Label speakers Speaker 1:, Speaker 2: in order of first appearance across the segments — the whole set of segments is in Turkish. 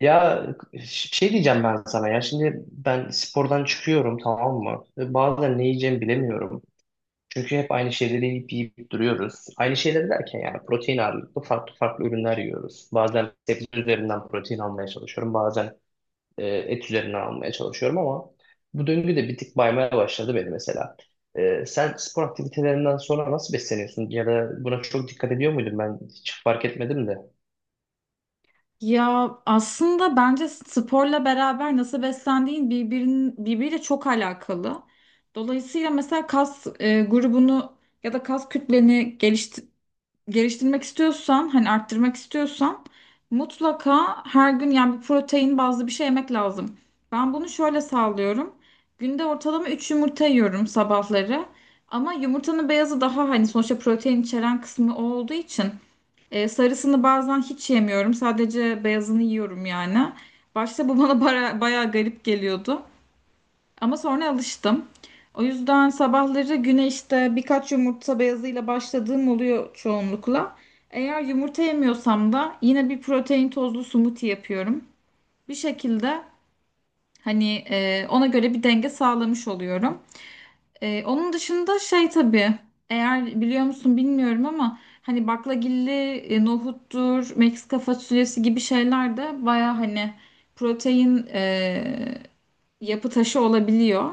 Speaker 1: Ya ş- şey diyeceğim ben sana ya şimdi ben spordan çıkıyorum, tamam mı? Ve bazen ne yiyeceğimi bilemiyorum. Çünkü hep aynı şeyleri yiyip duruyoruz. Aynı şeyleri derken yani protein ağırlıklı farklı farklı ürünler yiyoruz. Bazen sebze üzerinden protein almaya çalışıyorum. Bazen et üzerinden almaya çalışıyorum ama bu döngü de bir tık baymaya başladı beni mesela. Sen spor aktivitelerinden sonra nasıl besleniyorsun? Ya da buna çok dikkat ediyor muydun? Ben hiç fark etmedim de.
Speaker 2: Ya aslında bence sporla beraber nasıl beslendiğin birbiriyle çok alakalı. Dolayısıyla mesela kas grubunu ya da kas kütleni geliştirmek istiyorsan, hani arttırmak istiyorsan mutlaka her gün yani bir protein bazlı bir şey yemek lazım. Ben bunu şöyle sağlıyorum. Günde ortalama 3 yumurta yiyorum sabahları. Ama yumurtanın beyazı daha hani sonuçta protein içeren kısmı o olduğu için sarısını bazen hiç yemiyorum. Sadece beyazını yiyorum yani. Başta bu bana bayağı garip geliyordu. Ama sonra alıştım. O yüzden sabahları güne işte birkaç yumurta beyazıyla başladığım oluyor çoğunlukla. Eğer yumurta yemiyorsam da yine bir protein tozlu smoothie yapıyorum. Bir şekilde hani ona göre bir denge sağlamış oluyorum. Onun dışında şey tabii eğer biliyor musun bilmiyorum ama hani baklagilli nohuttur, Meksika fasulyesi gibi şeyler de baya hani protein yapı taşı olabiliyor.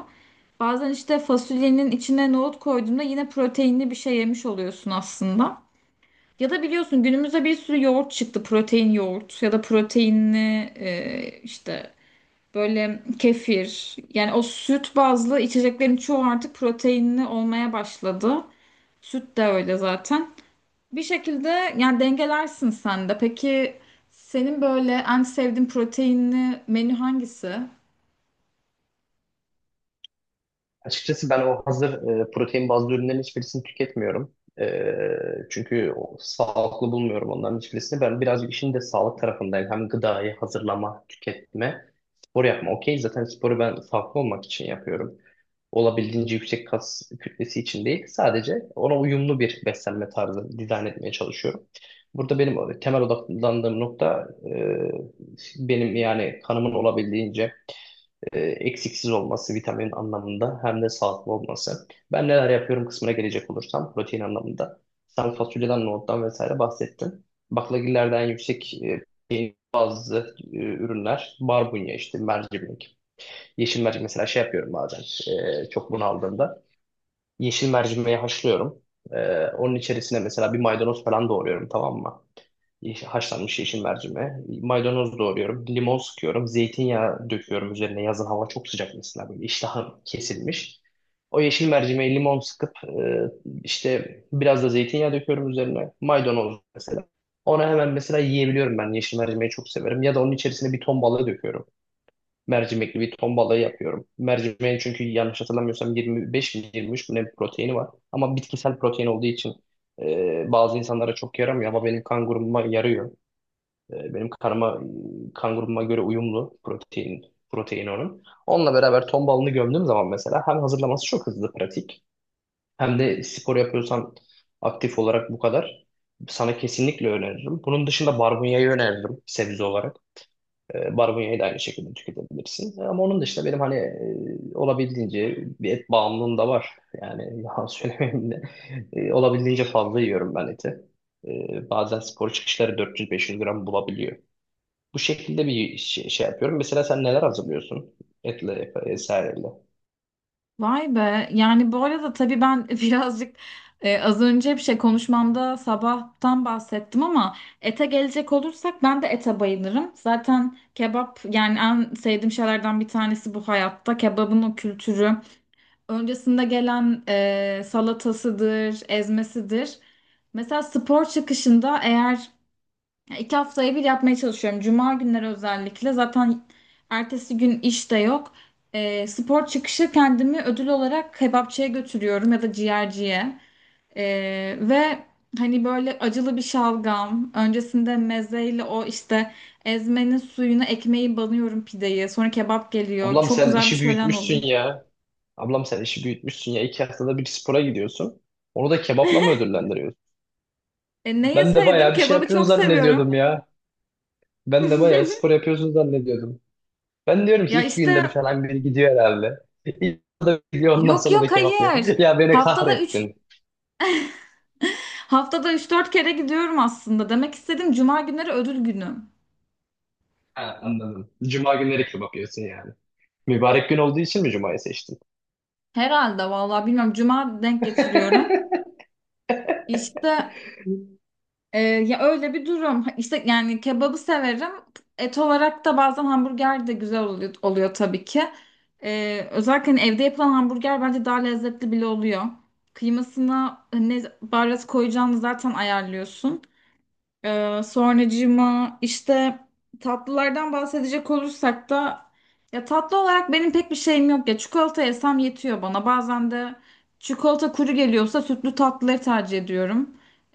Speaker 2: Bazen işte fasulyenin içine nohut koyduğunda yine proteinli bir şey yemiş oluyorsun aslında. Ya da biliyorsun günümüzde bir sürü yoğurt çıktı. Protein yoğurt ya da proteinli işte böyle kefir. Yani o süt bazlı içeceklerin çoğu artık proteinli olmaya başladı. Süt de öyle zaten. Bir şekilde yani dengelersin sen de. Peki senin böyle en sevdiğin proteinli menü hangisi?
Speaker 1: Açıkçası ben o hazır protein bazlı ürünlerin hiçbirisini tüketmiyorum. Çünkü sağlıklı bulmuyorum onların hiçbirisini. Ben birazcık işin de sağlık tarafındayım. Hem gıdayı hazırlama, tüketme, spor yapma. Okey, zaten sporu ben sağlıklı olmak için yapıyorum. Olabildiğince yüksek kas kütlesi için değil. Sadece ona uyumlu bir beslenme tarzı dizayn etmeye çalışıyorum. Burada benim temel odaklandığım nokta benim yani kanımın olabildiğince eksiksiz olması vitamin anlamında, hem de sağlıklı olması. Ben neler yapıyorum kısmına gelecek olursam protein anlamında. Sen fasulyeden, nohuttan vesaire bahsettin. Baklagillerde en yüksek protein bazı ürünler barbunya, işte mercimek. Yeşil mercimek mesela şey yapıyorum bazen çok bunaldığımda. Yeşil mercimeği haşlıyorum. Onun içerisine mesela bir maydanoz falan doğruyorum, tamam mı? Haşlanmış yeşil mercimeğe. Maydanoz doğruyorum. Limon sıkıyorum. Zeytinyağı döküyorum üzerine. Yazın hava çok sıcak mesela, böyle iştahım kesilmiş. O yeşil mercimeğe limon sıkıp işte biraz da zeytinyağı döküyorum üzerine. Maydanoz mesela. Onu hemen mesela yiyebiliyorum ben. Yeşil mercimeği çok severim. Ya da onun içerisine bir ton balığı döküyorum. Mercimekli bir ton balığı yapıyorum. Mercimeğin çünkü yanlış hatırlamıyorsam 25 mi 23 mi ne bir proteini var. Ama bitkisel protein olduğu için bazı insanlara çok yaramıyor ama benim kanguruma yarıyor. Benim kan grubuma göre uyumlu protein onun. Onunla beraber ton balını gömdüğüm zaman mesela hem hazırlaması çok hızlı, pratik, hem de spor yapıyorsan aktif olarak bu kadar, sana kesinlikle öneririm. Bunun dışında barbunyayı öneririm sebze olarak. Barbunyayı da aynı şekilde tüketebilirsin. Ama onun dışında benim hani olabildiğince bir et bağımlılığım da var. Yani yalan söylemeyeyim de olabildiğince fazla yiyorum ben eti. Bazen spor çıkışları 400-500 gram bulabiliyor. Bu şekilde şey yapıyorum. Mesela sen neler hazırlıyorsun? Vesaireyle.
Speaker 2: Vay be. Yani bu arada tabii ben birazcık az önce bir şey konuşmamda sabahtan bahsettim ama ete gelecek olursak ben de ete bayılırım. Zaten kebap yani en sevdiğim şeylerden bir tanesi bu hayatta. Kebabın o kültürü. Öncesinde gelen salatasıdır, ezmesidir. Mesela spor çıkışında eğer yani iki haftaya bir yapmaya çalışıyorum. Cuma günleri özellikle. Zaten ertesi gün iş de yok. Spor çıkışı kendimi ödül olarak kebapçıya götürüyorum ya da ciğerciye. Ve hani böyle acılı bir şalgam. Öncesinde mezeyle o işte ezmenin suyuna ekmeği banıyorum pideyi. Sonra kebap geliyor.
Speaker 1: Ablam
Speaker 2: Çok
Speaker 1: sen
Speaker 2: güzel bir
Speaker 1: işi
Speaker 2: şölen oluyor.
Speaker 1: büyütmüşsün ya. Ablam sen işi büyütmüşsün ya. İki haftada bir spora gidiyorsun. Onu da kebapla mı ödüllendiriyorsun?
Speaker 2: Ne
Speaker 1: Ben de
Speaker 2: yeseydim?
Speaker 1: bayağı bir şey
Speaker 2: Kebabı
Speaker 1: yapıyorsun
Speaker 2: çok seviyorum.
Speaker 1: zannediyordum ya. Ben de bayağı spor yapıyorsun zannediyordum. Ben diyorum ki
Speaker 2: Ya
Speaker 1: iki günde bir
Speaker 2: işte
Speaker 1: falan biri gidiyor herhalde. İlk haftada bir gidiyor, ondan
Speaker 2: yok
Speaker 1: sonra da
Speaker 2: yok,
Speaker 1: kebap yiyor.
Speaker 2: hayır.
Speaker 1: Ya beni
Speaker 2: Haftada 3
Speaker 1: kahrettin.
Speaker 2: Haftada üç dört kere gidiyorum aslında. Demek istedim cuma günleri ödül günüm.
Speaker 1: Ha, anladım. Cuma günleri kebap yiyorsun yani. Mübarek gün olduğu için mi Cuma'yı seçtin?
Speaker 2: Herhalde, vallahi bilmiyorum. Cuma denk getiriyorum. İşte ya öyle bir durum. İşte yani kebabı severim. Et olarak da bazen hamburger de güzel oluyor, oluyor tabii ki. Özellikle hani evde yapılan hamburger bence daha lezzetli bile oluyor. Kıymasına ne baharat koyacağını zaten ayarlıyorsun. Sonracığıma işte tatlılardan bahsedecek olursak da ya tatlı olarak benim pek bir şeyim yok ya çikolata yesem yetiyor bana, bazen de çikolata kuru geliyorsa sütlü tatlıları tercih ediyorum.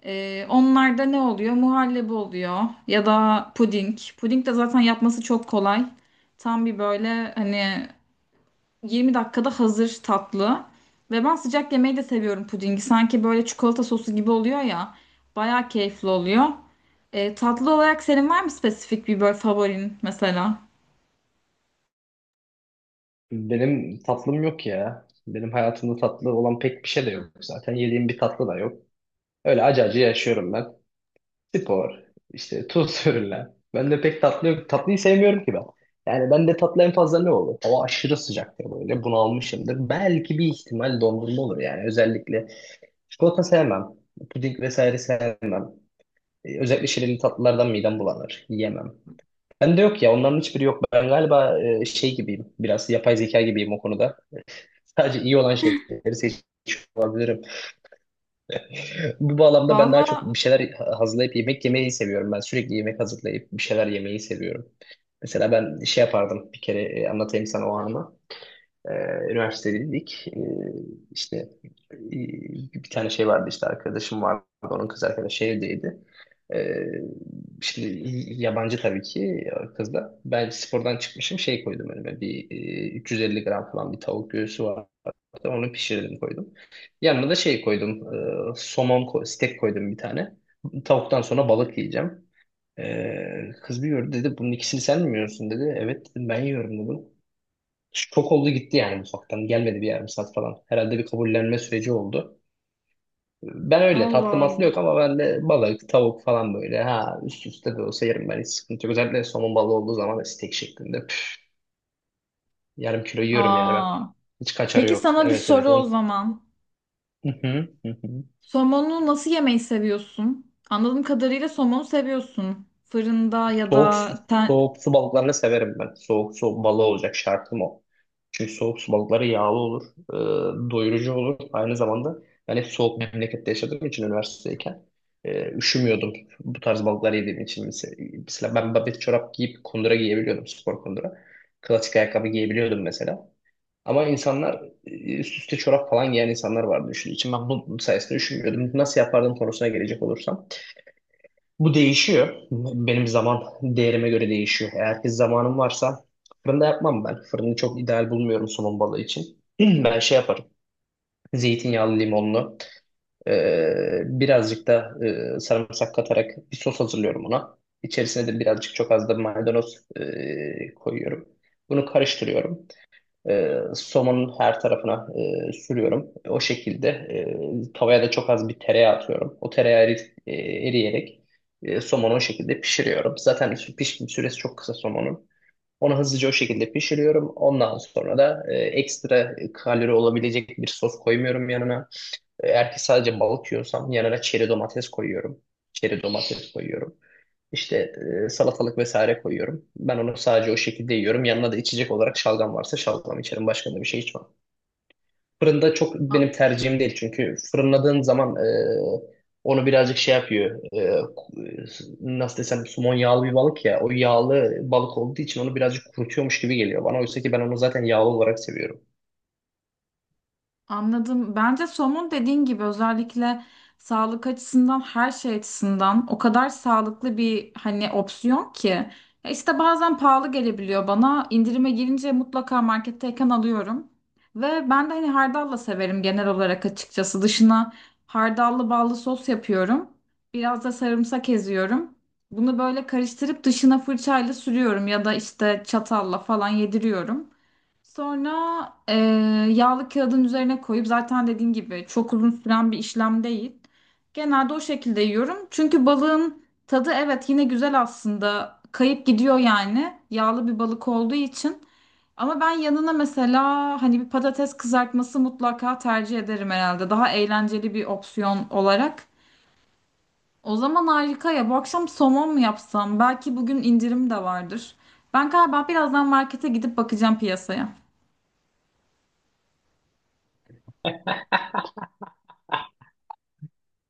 Speaker 2: Onlarda ne oluyor? Muhallebi oluyor ya da puding. Puding de zaten yapması çok kolay. Tam bir böyle hani 20 dakikada hazır tatlı. Ve ben sıcak yemeği de seviyorum pudingi. Sanki böyle çikolata sosu gibi oluyor ya. Bayağı keyifli oluyor. Tatlı olarak senin var mı spesifik bir böyle favorin mesela?
Speaker 1: Benim tatlım yok ya. Benim hayatımda tatlı olan pek bir şey de yok zaten. Yediğim bir tatlı da yok. Öyle acı acı yaşıyorum ben. Spor, işte tuz ürünler. Ben de pek tatlı yok. Tatlıyı sevmiyorum ki ben. Yani ben de tatlı en fazla ne olur? Hava aşırı sıcaktır böyle. Bunalmışımdır. Belki bir ihtimal dondurma olur yani. Özellikle çikolata sevmem. Puding vesaire sevmem. Özellikle şirinli tatlılardan midem bulanır. Yiyemem. Ben de yok ya. Onların hiçbiri yok. Ben galiba şey gibiyim. Biraz yapay zeka gibiyim o konuda. Sadece iyi olan şeyleri seçiyor olabilirim. Bu bağlamda
Speaker 2: Valla
Speaker 1: ben daha çok
Speaker 2: Allah
Speaker 1: bir şeyler hazırlayıp yemek yemeyi seviyorum. Ben sürekli yemek hazırlayıp bir şeyler yemeyi seviyorum. Mesela ben şey yapardım bir kere, anlatayım sana o anı. Ee, Üniversitedeydik. İşte e, Bir tane şey vardı, işte arkadaşım vardı. Onun kız arkadaşı evdeydi. Ee, Şimdi yabancı tabii ki kız da. Ben spordan çıkmışım, şey koydum önüme, bir 350 gram falan bir tavuk göğsü vardı. Onu pişirdim, koydum. Yanına da şey koydum. Somon steak koydum bir tane. Tavuktan sonra balık yiyeceğim. E, kız bir gördü, dedi bunun ikisini sen mi yiyorsun dedi. Evet dedim, ben yiyorum dedim. Çok oldu, gitti yani mutfaktan. Gelmedi bir yarım saat falan. Herhalde bir kabullenme süreci oldu. Ben öyle tatlı
Speaker 2: Allah.
Speaker 1: matlı yok ama ben de balık, tavuk falan böyle ha üst üste de olsa yerim ben, hiç sıkıntı yok. Özellikle somon balığı olduğu zaman da steak şeklinde. Püf, yarım kilo yiyorum yani ben.
Speaker 2: Aa.
Speaker 1: Hiç kaçarı
Speaker 2: Peki
Speaker 1: yok.
Speaker 2: sana bir
Speaker 1: Evet,
Speaker 2: soru
Speaker 1: evet
Speaker 2: o
Speaker 1: on.
Speaker 2: zaman.
Speaker 1: Hı hı, hı hı.
Speaker 2: Somonu nasıl yemeyi seviyorsun? Anladığım kadarıyla somonu seviyorsun. Fırında ya
Speaker 1: Soğuk, su-
Speaker 2: da ten...
Speaker 1: Soğuk su balıklarını severim ben. Soğuk su balığı olacak şartım o. Çünkü soğuk su balıkları yağlı olur, doyurucu olur. Aynı zamanda ben hep soğuk memlekette yaşadığım için üniversitedeyken üşümüyordum. Bu tarz balıkları yediğim için. Mesela ben babet çorap giyip kundura giyebiliyordum, spor kundura. Klasik ayakkabı giyebiliyordum mesela. Ama insanlar, üst üste çorap falan giyen insanlar vardı, düşün. İçin ben bu sayesinde üşümüyordum. Nasıl yapardım konusuna gelecek olursam. Bu değişiyor. Benim zaman değerime göre değişiyor. Eğer ki zamanım varsa fırında yapmam ben. Fırını çok ideal bulmuyorum somon balığı için. Ben şey yaparım. Zeytinyağlı, limonlu. Birazcık da sarımsak katarak bir sos hazırlıyorum ona. İçerisine de birazcık, çok az da maydanoz koyuyorum. Bunu karıştırıyorum. Somonun her tarafına sürüyorum. O şekilde tavaya da çok az bir tereyağı atıyorum. O tereyağı eriyerek somonu o şekilde pişiriyorum. Zaten pişme süresi çok kısa somonun. Onu hızlıca o şekilde pişiriyorum. Ondan sonra da ekstra kalori olabilecek bir sos koymuyorum yanına. Eğer ki sadece balık yiyorsam yanına çeri domates koyuyorum. Çeri domates koyuyorum. İşte salatalık vesaire koyuyorum. Ben onu sadece o şekilde yiyorum. Yanına da içecek olarak şalgam varsa şalgam içerim. Başka da bir şey içmem. Fırında çok benim tercihim değil. Çünkü fırınladığın zaman onu birazcık şey yapıyor. Nasıl desem, somon yağlı bir balık ya. O yağlı balık olduğu için onu birazcık kurutuyormuş gibi geliyor bana. Oysa ki ben onu zaten yağlı olarak seviyorum.
Speaker 2: Anladım. Bence somun dediğin gibi özellikle sağlık açısından her şey açısından o kadar sağlıklı bir hani opsiyon ki. Ya işte bazen pahalı gelebiliyor bana. İndirime girince mutlaka marketteyken alıyorum. Ve ben de hani hardalla severim genel olarak açıkçası. Dışına hardallı ballı sos yapıyorum. Biraz da sarımsak eziyorum. Bunu böyle karıştırıp dışına fırçayla sürüyorum ya da işte çatalla falan yediriyorum. Sonra yağlı kağıdın üzerine koyup zaten dediğim gibi çok uzun süren bir işlem değil. Genelde o şekilde yiyorum. Çünkü balığın tadı evet yine güzel aslında. Kayıp gidiyor yani. Yağlı bir balık olduğu için. Ama ben yanına mesela hani bir patates kızartması mutlaka tercih ederim herhalde. Daha eğlenceli bir opsiyon olarak. O zaman harika ya. Bu akşam somon mu yapsam? Belki bugün indirim de vardır. Ben galiba birazdan markete gidip bakacağım piyasaya.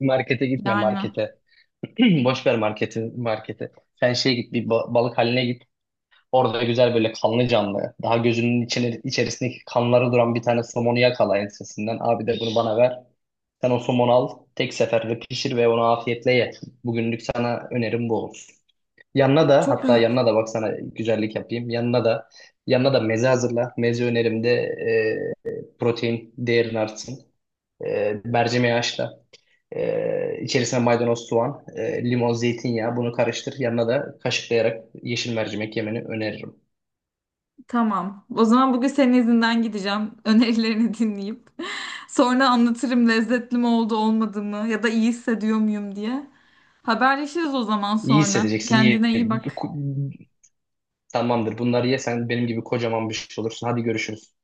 Speaker 1: Markete gitme,
Speaker 2: Yani.
Speaker 1: markete. Boş ver marketi, marketi. Sen şeye git, bir balık haline git. Orada güzel böyle kanlı canlı. Daha gözünün içine, içerisindeki kanları duran bir tane somonu yakala ensesinden. Abi, de bunu bana ver. Sen o somonu al. Tek seferde pişir ve onu afiyetle ye. Bugünlük sana önerim bu olur. Yanına da,
Speaker 2: Çok
Speaker 1: hatta
Speaker 2: güzel.
Speaker 1: yanına da bak, sana güzellik yapayım. Yanına da meze hazırla. Meze önerimde protein değerin artsın. Mercimeği haşla. İçerisine maydanoz, soğan, limon, zeytinyağı, bunu karıştır. Yanına da kaşıklayarak yeşil mercimek yemeni öneririm.
Speaker 2: Tamam. O zaman bugün senin izinden gideceğim. Önerilerini dinleyip. Sonra anlatırım lezzetli mi oldu olmadı mı ya da iyi hissediyor muyum diye. Haberleşiriz o zaman
Speaker 1: İyi
Speaker 2: sonra.
Speaker 1: hissedeceksin. İyi.
Speaker 2: Kendine iyi bak.
Speaker 1: Tamamdır. Bunları yesen benim gibi kocaman bir şey olursun. Hadi görüşürüz.